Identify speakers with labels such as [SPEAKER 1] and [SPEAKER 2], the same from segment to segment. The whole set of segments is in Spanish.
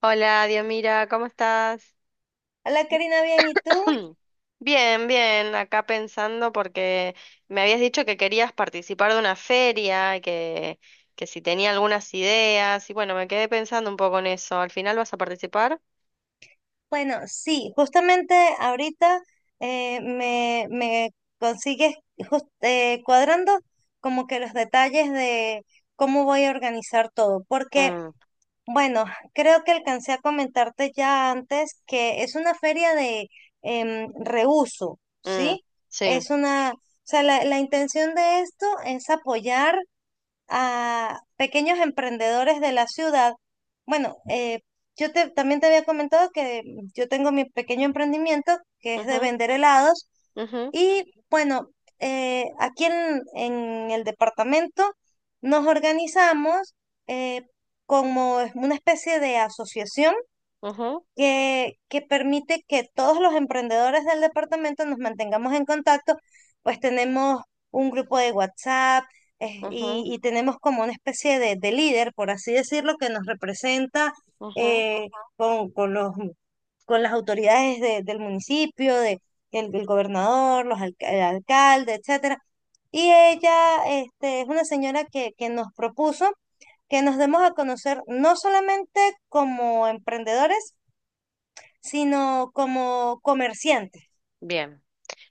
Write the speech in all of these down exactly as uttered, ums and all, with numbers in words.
[SPEAKER 1] Hola, Diomira, ¿cómo estás?
[SPEAKER 2] Hola Karina, bien, ¿y tú?
[SPEAKER 1] Bien, bien, acá pensando porque me habías dicho que querías participar de una feria, que, que si tenía algunas ideas, y bueno, me quedé pensando un poco en eso. ¿Al final vas a participar?
[SPEAKER 2] Bueno, sí, justamente ahorita eh, me, me consigues jus- eh, cuadrando como que los detalles de cómo voy a organizar todo, porque
[SPEAKER 1] Mm,
[SPEAKER 2] bueno, creo que alcancé a comentarte ya antes que es una feria de em, reuso,
[SPEAKER 1] mm,
[SPEAKER 2] ¿sí?
[SPEAKER 1] sí.
[SPEAKER 2] Es una, o sea, la, la intención de esto es apoyar a pequeños emprendedores de la ciudad. Bueno, eh, yo te- también te había comentado que yo tengo mi pequeño emprendimiento que es de
[SPEAKER 1] Ujú,
[SPEAKER 2] vender helados
[SPEAKER 1] ujú,
[SPEAKER 2] y bueno, eh, aquí en, en el departamento nos organizamos eh, como es una especie de asociación
[SPEAKER 1] ujú,
[SPEAKER 2] que, que permite que todos los emprendedores del departamento nos mantengamos en contacto, pues tenemos un grupo de WhatsApp eh,
[SPEAKER 1] ujú,
[SPEAKER 2] y, y tenemos como una especie de, de líder, por así decirlo, que nos representa
[SPEAKER 1] ujú.
[SPEAKER 2] eh, con, con los, con las autoridades de- del municipio, de, el, el gobernador, los alca- el alcalde, etcétera. Y ella este, es una señora que, que nos propuso que nos demos a conocer no solamente como emprendedores, sino como comerciantes.
[SPEAKER 1] Bien.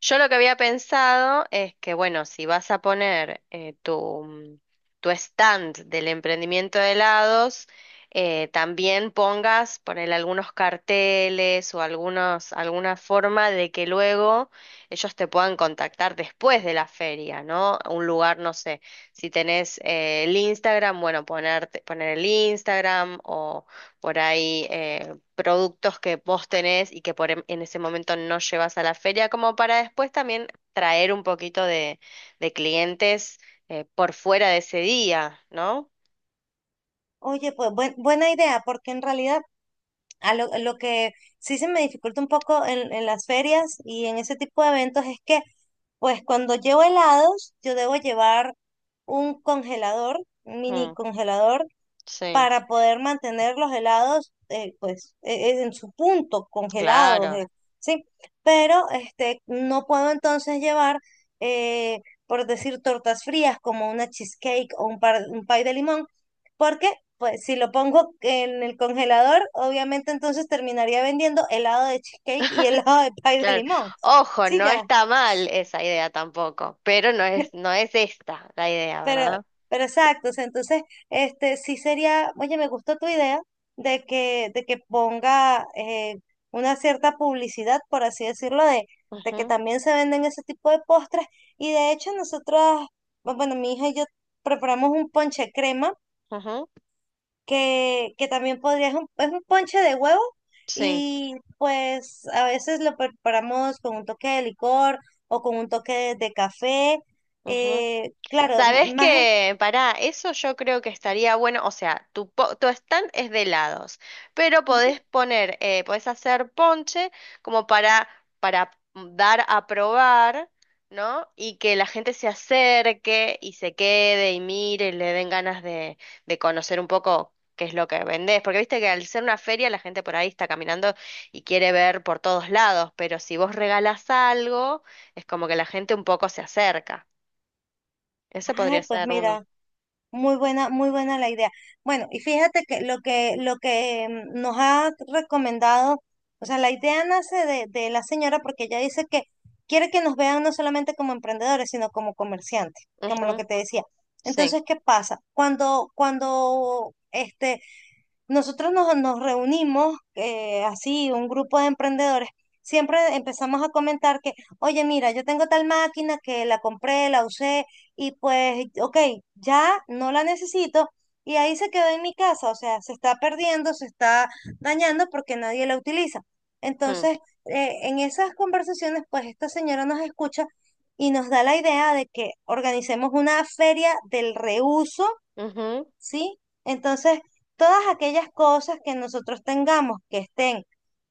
[SPEAKER 1] Yo lo que había pensado es que, bueno, si vas a poner eh, tu, mm, tu stand del emprendimiento de helados, eh, también pongas, poner algunos carteles o algunos, alguna forma de que luego ellos te puedan contactar después de la feria, ¿no? Un lugar, no sé, si tenés eh, el Instagram, bueno, ponerte, poner el Instagram o por ahí eh, productos que vos tenés y que por em- en ese momento no llevas a la feria, como para después también traer un poquito de, de clientes eh, por fuera de ese día, ¿no?
[SPEAKER 2] Oye, pues buen- buena idea, porque en realidad a lo, lo que sí se me dificulta un poco en, en las ferias y en ese tipo de eventos es que, pues cuando llevo helados, yo debo llevar un congelador, un mini
[SPEAKER 1] Mm,
[SPEAKER 2] congelador,
[SPEAKER 1] sí,
[SPEAKER 2] para poder mantener los helados eh, pues eh, eh, en su punto, congelados,
[SPEAKER 1] claro,
[SPEAKER 2] eh, ¿sí? Pero este, no puedo entonces llevar, eh, por decir, tortas frías como una cheesecake o un, par- un pie de limón, porque pues si lo pongo en el congelador, obviamente entonces terminaría vendiendo helado de cheesecake y helado de pie de
[SPEAKER 1] claro.
[SPEAKER 2] limón.
[SPEAKER 1] Ojo,
[SPEAKER 2] Sí,
[SPEAKER 1] no
[SPEAKER 2] ya.
[SPEAKER 1] está mal esa idea tampoco, pero no es, no es esta la idea,
[SPEAKER 2] Pero,
[SPEAKER 1] ¿verdad?
[SPEAKER 2] pero exacto, o sea, entonces, este, sí sería, oye, me gustó tu idea de que, de que ponga eh, una cierta publicidad, por así decirlo, de, de que
[SPEAKER 1] Ujú,
[SPEAKER 2] también se venden ese tipo de postres. Y de hecho, nosotros, bu- bueno, mi hija y yo preparamos un ponche crema,
[SPEAKER 1] ujú,
[SPEAKER 2] que, que también podría, es un, es un ponche de huevo,
[SPEAKER 1] sí.
[SPEAKER 2] y pues a veces lo preparamos con un toque de licor o con un toque de, de café.
[SPEAKER 1] Ujú.
[SPEAKER 2] Eh, claro,
[SPEAKER 1] Sabes
[SPEAKER 2] más...
[SPEAKER 1] que para eso yo creo que estaría bueno, o sea, tu, po- tu stand es de helados, pero podés poner, eh, podés hacer ponche como para, para dar a probar, ¿no? Y que la gente se acerque y se quede y mire y le den ganas de, de conocer un poco qué es lo que vendés, porque viste que al ser una feria la gente por ahí está caminando y quiere ver por todos lados, pero si vos regalás algo, es como que la gente un poco se acerca. Ese
[SPEAKER 2] Ay,
[SPEAKER 1] podría
[SPEAKER 2] pues
[SPEAKER 1] ser uno.
[SPEAKER 2] mira, muy buena, muy buena la idea. Bueno, y fíjate que lo que, lo que mm, nos ha recomendado, o sea, la idea nace de, de la señora porque ella dice que quiere que nos vean no solamente como emprendedores, sino como comerciantes, como lo
[SPEAKER 1] Ujú,
[SPEAKER 2] que te decía.
[SPEAKER 1] sí.
[SPEAKER 2] Entonces, ¿qué pasa? Cuando, cuando este, nosotros nos, nos reunimos eh, así, un grupo de emprendedores. Siempre empezamos a comentar que, oye, mira, yo tengo tal máquina que la compré, la usé y pues, ok, ya no la necesito y ahí se quedó en mi casa, o sea, se está perdiendo, se está dañando porque nadie la utiliza.
[SPEAKER 1] Mm,
[SPEAKER 2] Entonces, eh, en esas conversaciones, pues esta señora nos escucha y nos da la idea de que organicemos una feria del reuso,
[SPEAKER 1] ujú,
[SPEAKER 2] ¿sí? Entonces, todas aquellas cosas que nosotros tengamos que estén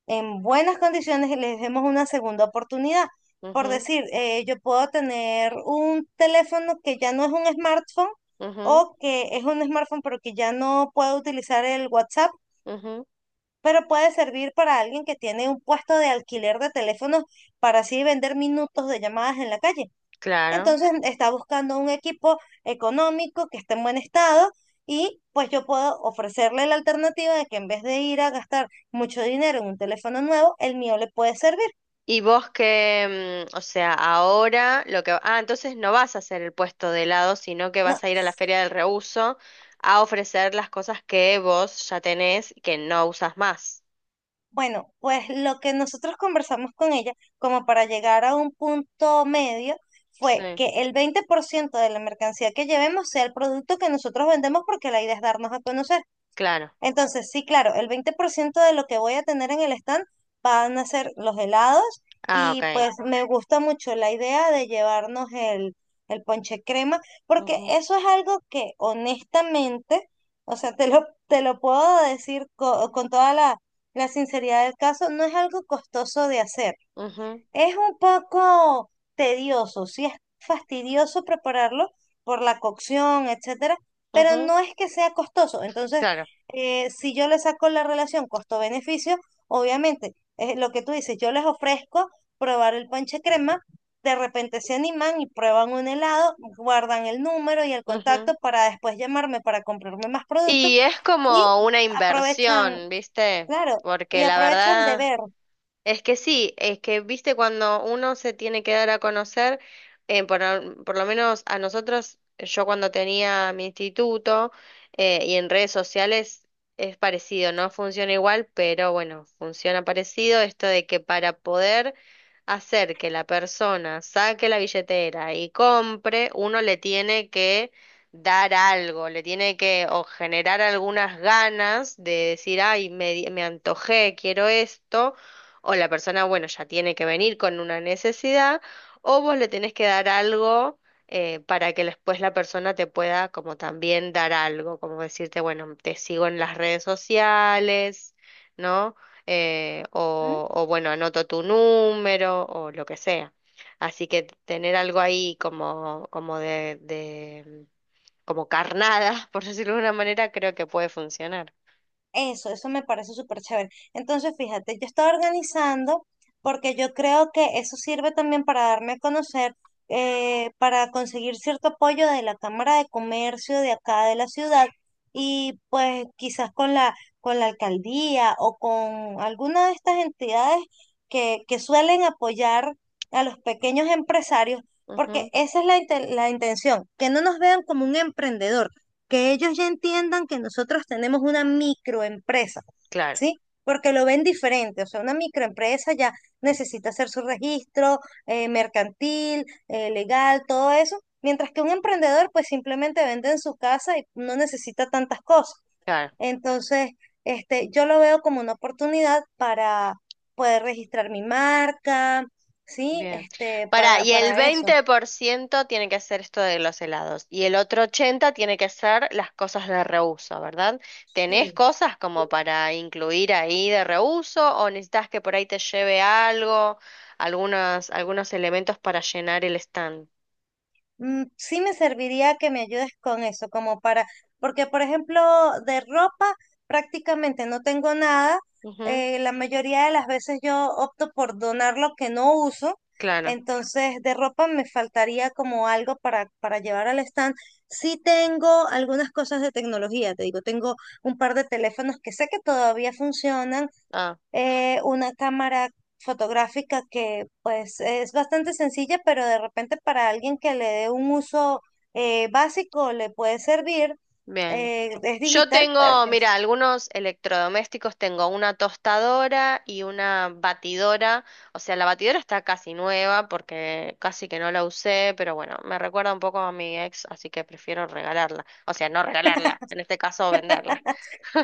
[SPEAKER 2] en buenas condiciones, les demos una segunda oportunidad. Por
[SPEAKER 1] ujú,
[SPEAKER 2] decir, eh, yo puedo tener un teléfono que ya no es un smartphone
[SPEAKER 1] ujú,
[SPEAKER 2] o que es un smartphone pero que ya no puedo utilizar el WhatsApp,
[SPEAKER 1] ujú.
[SPEAKER 2] pero puede servir para alguien que tiene un puesto de alquiler de teléfonos para así vender minutos de llamadas en la calle.
[SPEAKER 1] Claro.
[SPEAKER 2] Entonces está buscando un equipo económico que esté en buen estado y pues yo puedo ofrecerle la alternativa de que en vez de ir a gastar mucho dinero en un teléfono nuevo, el mío le puede servir.
[SPEAKER 1] Y vos que, mm, o sea, ahora lo que... Ah, entonces no vas a hacer el puesto de helado, sino que
[SPEAKER 2] No,
[SPEAKER 1] vas a ir a la feria del reuso a ofrecer las cosas que vos ya tenés y que no usas más.
[SPEAKER 2] bueno, pues lo que nosotros conversamos con ella como para llegar a un punto medio fue
[SPEAKER 1] Sí,
[SPEAKER 2] que el veinte por ciento de la mercancía que llevemos sea el producto que nosotros vendemos porque la idea es darnos a conocer.
[SPEAKER 1] claro.
[SPEAKER 2] Entonces, sí, claro, el veinte por ciento de lo que voy a tener en el stand van a ser los helados
[SPEAKER 1] Ah,
[SPEAKER 2] y
[SPEAKER 1] ok.
[SPEAKER 2] pues me gusta mucho la idea de llevarnos el, el ponche crema, porque
[SPEAKER 1] Ujú,
[SPEAKER 2] eso es algo que honestamente, o sea, te lo, te lo puedo decir co- con toda la, la sinceridad del caso, no es algo costoso de hacer.
[SPEAKER 1] ujú,
[SPEAKER 2] Es un poco tedioso, sí es fastidioso prepararlo por la cocción, etcétera, pero
[SPEAKER 1] ujú.
[SPEAKER 2] no es que sea costoso. Entonces,
[SPEAKER 1] Claro.
[SPEAKER 2] eh, si yo le saco la relación costo-beneficio, obviamente, es lo que tú dices, yo les ofrezco probar el ponche crema, de repente se animan y prueban un helado, guardan el número y el
[SPEAKER 1] Ujú.
[SPEAKER 2] contacto para después llamarme para comprarme más productos
[SPEAKER 1] Y es
[SPEAKER 2] y
[SPEAKER 1] como una
[SPEAKER 2] aprovechan,
[SPEAKER 1] inversión, ¿viste?
[SPEAKER 2] claro, y
[SPEAKER 1] Porque la
[SPEAKER 2] aprovechan de
[SPEAKER 1] verdad...
[SPEAKER 2] ver.
[SPEAKER 1] Es que sí, es que viste cuando uno se tiene que dar a conocer, eh, por, al- por lo menos a nosotros, yo cuando tenía mi instituto eh, y en redes sociales es parecido, no funciona igual, pero bueno, funciona parecido esto de que para poder hacer que la persona saque la billetera y compre, uno le tiene que dar algo, le tiene que o generar algunas ganas de decir, ay, me, di- me antojé, quiero esto o la persona, bueno, ya tiene que venir con una necesidad, o vos le tenés que dar algo eh, para que después la persona te pueda como también dar algo, como decirte, bueno, te sigo en las redes sociales, ¿no? Eh, o, o bueno, anoto tu número o lo que sea. Así que tener algo ahí como, como de, de, como carnada, por decirlo de una manera, creo que puede funcionar.
[SPEAKER 2] Eso, eso me parece súper chévere. Entonces, fíjate, yo estaba organizando porque yo creo que eso sirve también para darme a conocer, eh, para conseguir cierto apoyo de la Cámara de Comercio de acá de la ciudad y pues quizás con la, con la alcaldía o con alguna de estas entidades que, que suelen apoyar a los pequeños empresarios, porque
[SPEAKER 1] Ujú,
[SPEAKER 2] esa es la, inte- la intención, que no nos vean como un emprendedor, que ellos ya entiendan que nosotros tenemos una microempresa,
[SPEAKER 1] claro,
[SPEAKER 2] ¿sí? Porque lo ven diferente, o sea, una microempresa ya necesita hacer su registro eh, mercantil, eh, legal, todo eso, mientras que un emprendedor pues simplemente vende en su casa y no necesita tantas cosas.
[SPEAKER 1] claro.
[SPEAKER 2] Entonces, este, yo lo veo como una oportunidad para poder registrar mi marca, ¿sí?
[SPEAKER 1] Bien.
[SPEAKER 2] Este,
[SPEAKER 1] Para,
[SPEAKER 2] para,
[SPEAKER 1] y el
[SPEAKER 2] para eso,
[SPEAKER 1] veinte por ciento tiene que ser esto de los helados y el otro ochenta por ciento tiene que ser las cosas de reuso, ¿verdad? ¿Tenés
[SPEAKER 2] sí.
[SPEAKER 1] cosas como para incluir ahí de reuso o necesitas que por ahí te lleve algo, algunos, algunos elementos para llenar el stand?
[SPEAKER 2] Mm, Sí me serviría que me ayudes con eso, como para, porque por ejemplo, de ropa prácticamente no tengo nada.
[SPEAKER 1] Ujú,
[SPEAKER 2] Eh, la mayoría de las veces yo opto por donar lo que no uso.
[SPEAKER 1] claro.
[SPEAKER 2] Entonces, de ropa me faltaría como algo para, para llevar al stand. Sí tengo algunas cosas de tecnología, te digo, tengo un par de teléfonos que sé que todavía funcionan,
[SPEAKER 1] Ah,
[SPEAKER 2] eh, una cámara fotográfica que pues es bastante sencilla, pero de repente para alguien que le dé un uso eh, básico le puede servir.
[SPEAKER 1] bien.
[SPEAKER 2] Eh, es
[SPEAKER 1] Yo
[SPEAKER 2] digital, pero
[SPEAKER 1] tengo, mira,
[SPEAKER 2] pues,
[SPEAKER 1] algunos electrodomésticos, tengo una tostadora y una batidora, o sea, la batidora está casi nueva porque casi que no la usé, pero bueno, me recuerda un poco a mi ex, así que prefiero regalarla, o sea, no regalarla, en este caso venderla.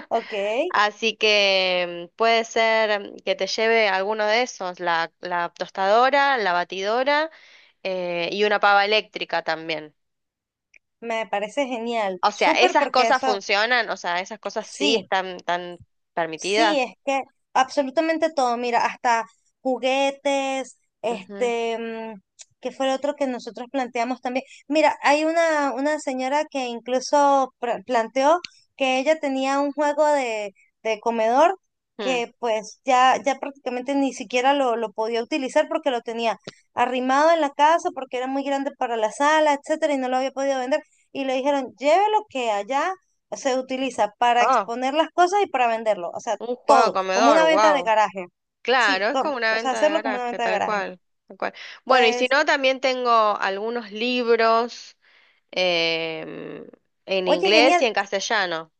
[SPEAKER 2] ok,
[SPEAKER 1] Así que mm, puede ser mm, que te lleve alguno de esos, la, la tostadora, la batidora eh, y una pava eléctrica también.
[SPEAKER 2] me parece genial.
[SPEAKER 1] O sea,
[SPEAKER 2] Súper
[SPEAKER 1] esas
[SPEAKER 2] porque
[SPEAKER 1] cosas
[SPEAKER 2] eso,
[SPEAKER 1] funcionan, o sea, esas cosas sí
[SPEAKER 2] sí.
[SPEAKER 1] están tan permitidas.
[SPEAKER 2] Sí, es que absolutamente todo, mira, hasta juguetes,
[SPEAKER 1] Ujú,
[SPEAKER 2] este, mm, ¿qué fue lo otro que nosotros planteamos también? Mira, hay una, una señora que incluso pra- planteó que ella tenía un juego de, de comedor
[SPEAKER 1] ujú.
[SPEAKER 2] que pues ya, ya prácticamente ni siquiera lo, lo podía utilizar porque lo tenía arrimado en la casa, porque era muy grande para la sala, etcétera, y no lo había podido vender. Y le dijeron, llévelo que allá se utiliza para
[SPEAKER 1] Oh,
[SPEAKER 2] exponer las cosas y para venderlo, o sea,
[SPEAKER 1] un juego de
[SPEAKER 2] todo, como
[SPEAKER 1] comedor,
[SPEAKER 2] una venta de
[SPEAKER 1] wow.
[SPEAKER 2] garaje.
[SPEAKER 1] Claro,
[SPEAKER 2] Sí,
[SPEAKER 1] es
[SPEAKER 2] como-
[SPEAKER 1] como una
[SPEAKER 2] o sea,
[SPEAKER 1] venta de
[SPEAKER 2] hacerlo como una
[SPEAKER 1] garaje,
[SPEAKER 2] venta de
[SPEAKER 1] tal
[SPEAKER 2] garaje.
[SPEAKER 1] cual, tal cual. Bueno, y si
[SPEAKER 2] Pues,
[SPEAKER 1] no, también tengo algunos libros em, en
[SPEAKER 2] oye,
[SPEAKER 1] inglés y
[SPEAKER 2] genial,
[SPEAKER 1] en castellano.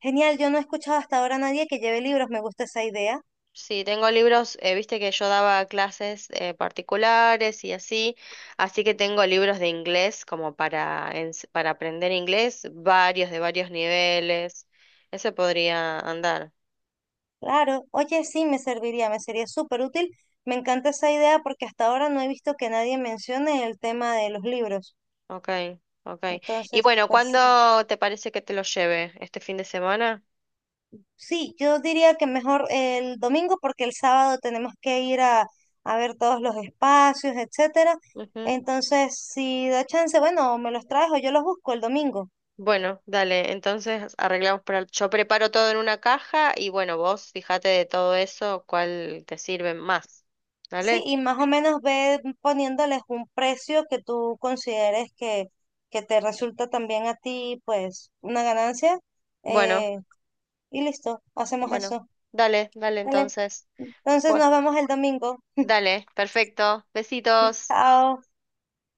[SPEAKER 2] genial, yo no he escuchado hasta ahora a nadie que lleve libros, me gusta esa idea.
[SPEAKER 1] Sí, tengo libros, eh, viste que yo daba clases eh, particulares y así, así que tengo libros de inglés como para, ens- para aprender inglés, varios de varios niveles. Ese podría andar.
[SPEAKER 2] Claro, oye, sí, me serviría, me sería súper útil. Me encanta esa idea porque hasta ahora no he visto que nadie mencione el tema de los libros.
[SPEAKER 1] Ok, ok. Y
[SPEAKER 2] Entonces,
[SPEAKER 1] bueno,
[SPEAKER 2] pues sí.
[SPEAKER 1] ¿cuándo te parece que te lo lleve? ¿Este fin de semana?
[SPEAKER 2] Sí, yo diría que mejor el domingo porque el sábado tenemos que ir a, a ver todos los espacios, etcétera.
[SPEAKER 1] Ujú.
[SPEAKER 2] Entonces, si da chance, bueno, o me los traes o yo los busco el domingo.
[SPEAKER 1] Bueno, dale, entonces arreglamos para... el- Yo preparo todo en una caja y bueno, vos fíjate de todo eso cuál te sirve más.
[SPEAKER 2] Sí,
[SPEAKER 1] ¿Dale?
[SPEAKER 2] y más o menos ve poniéndoles un precio que tú consideres que, que te resulta también a ti, pues, una ganancia.
[SPEAKER 1] Bueno,
[SPEAKER 2] eh, y listo, hacemos
[SPEAKER 1] bueno,
[SPEAKER 2] eso.
[SPEAKER 1] dale, dale
[SPEAKER 2] Vale.
[SPEAKER 1] entonces.
[SPEAKER 2] Entonces
[SPEAKER 1] Bueno,
[SPEAKER 2] nos vemos el domingo.
[SPEAKER 1] dale, perfecto. Besitos.
[SPEAKER 2] Chao.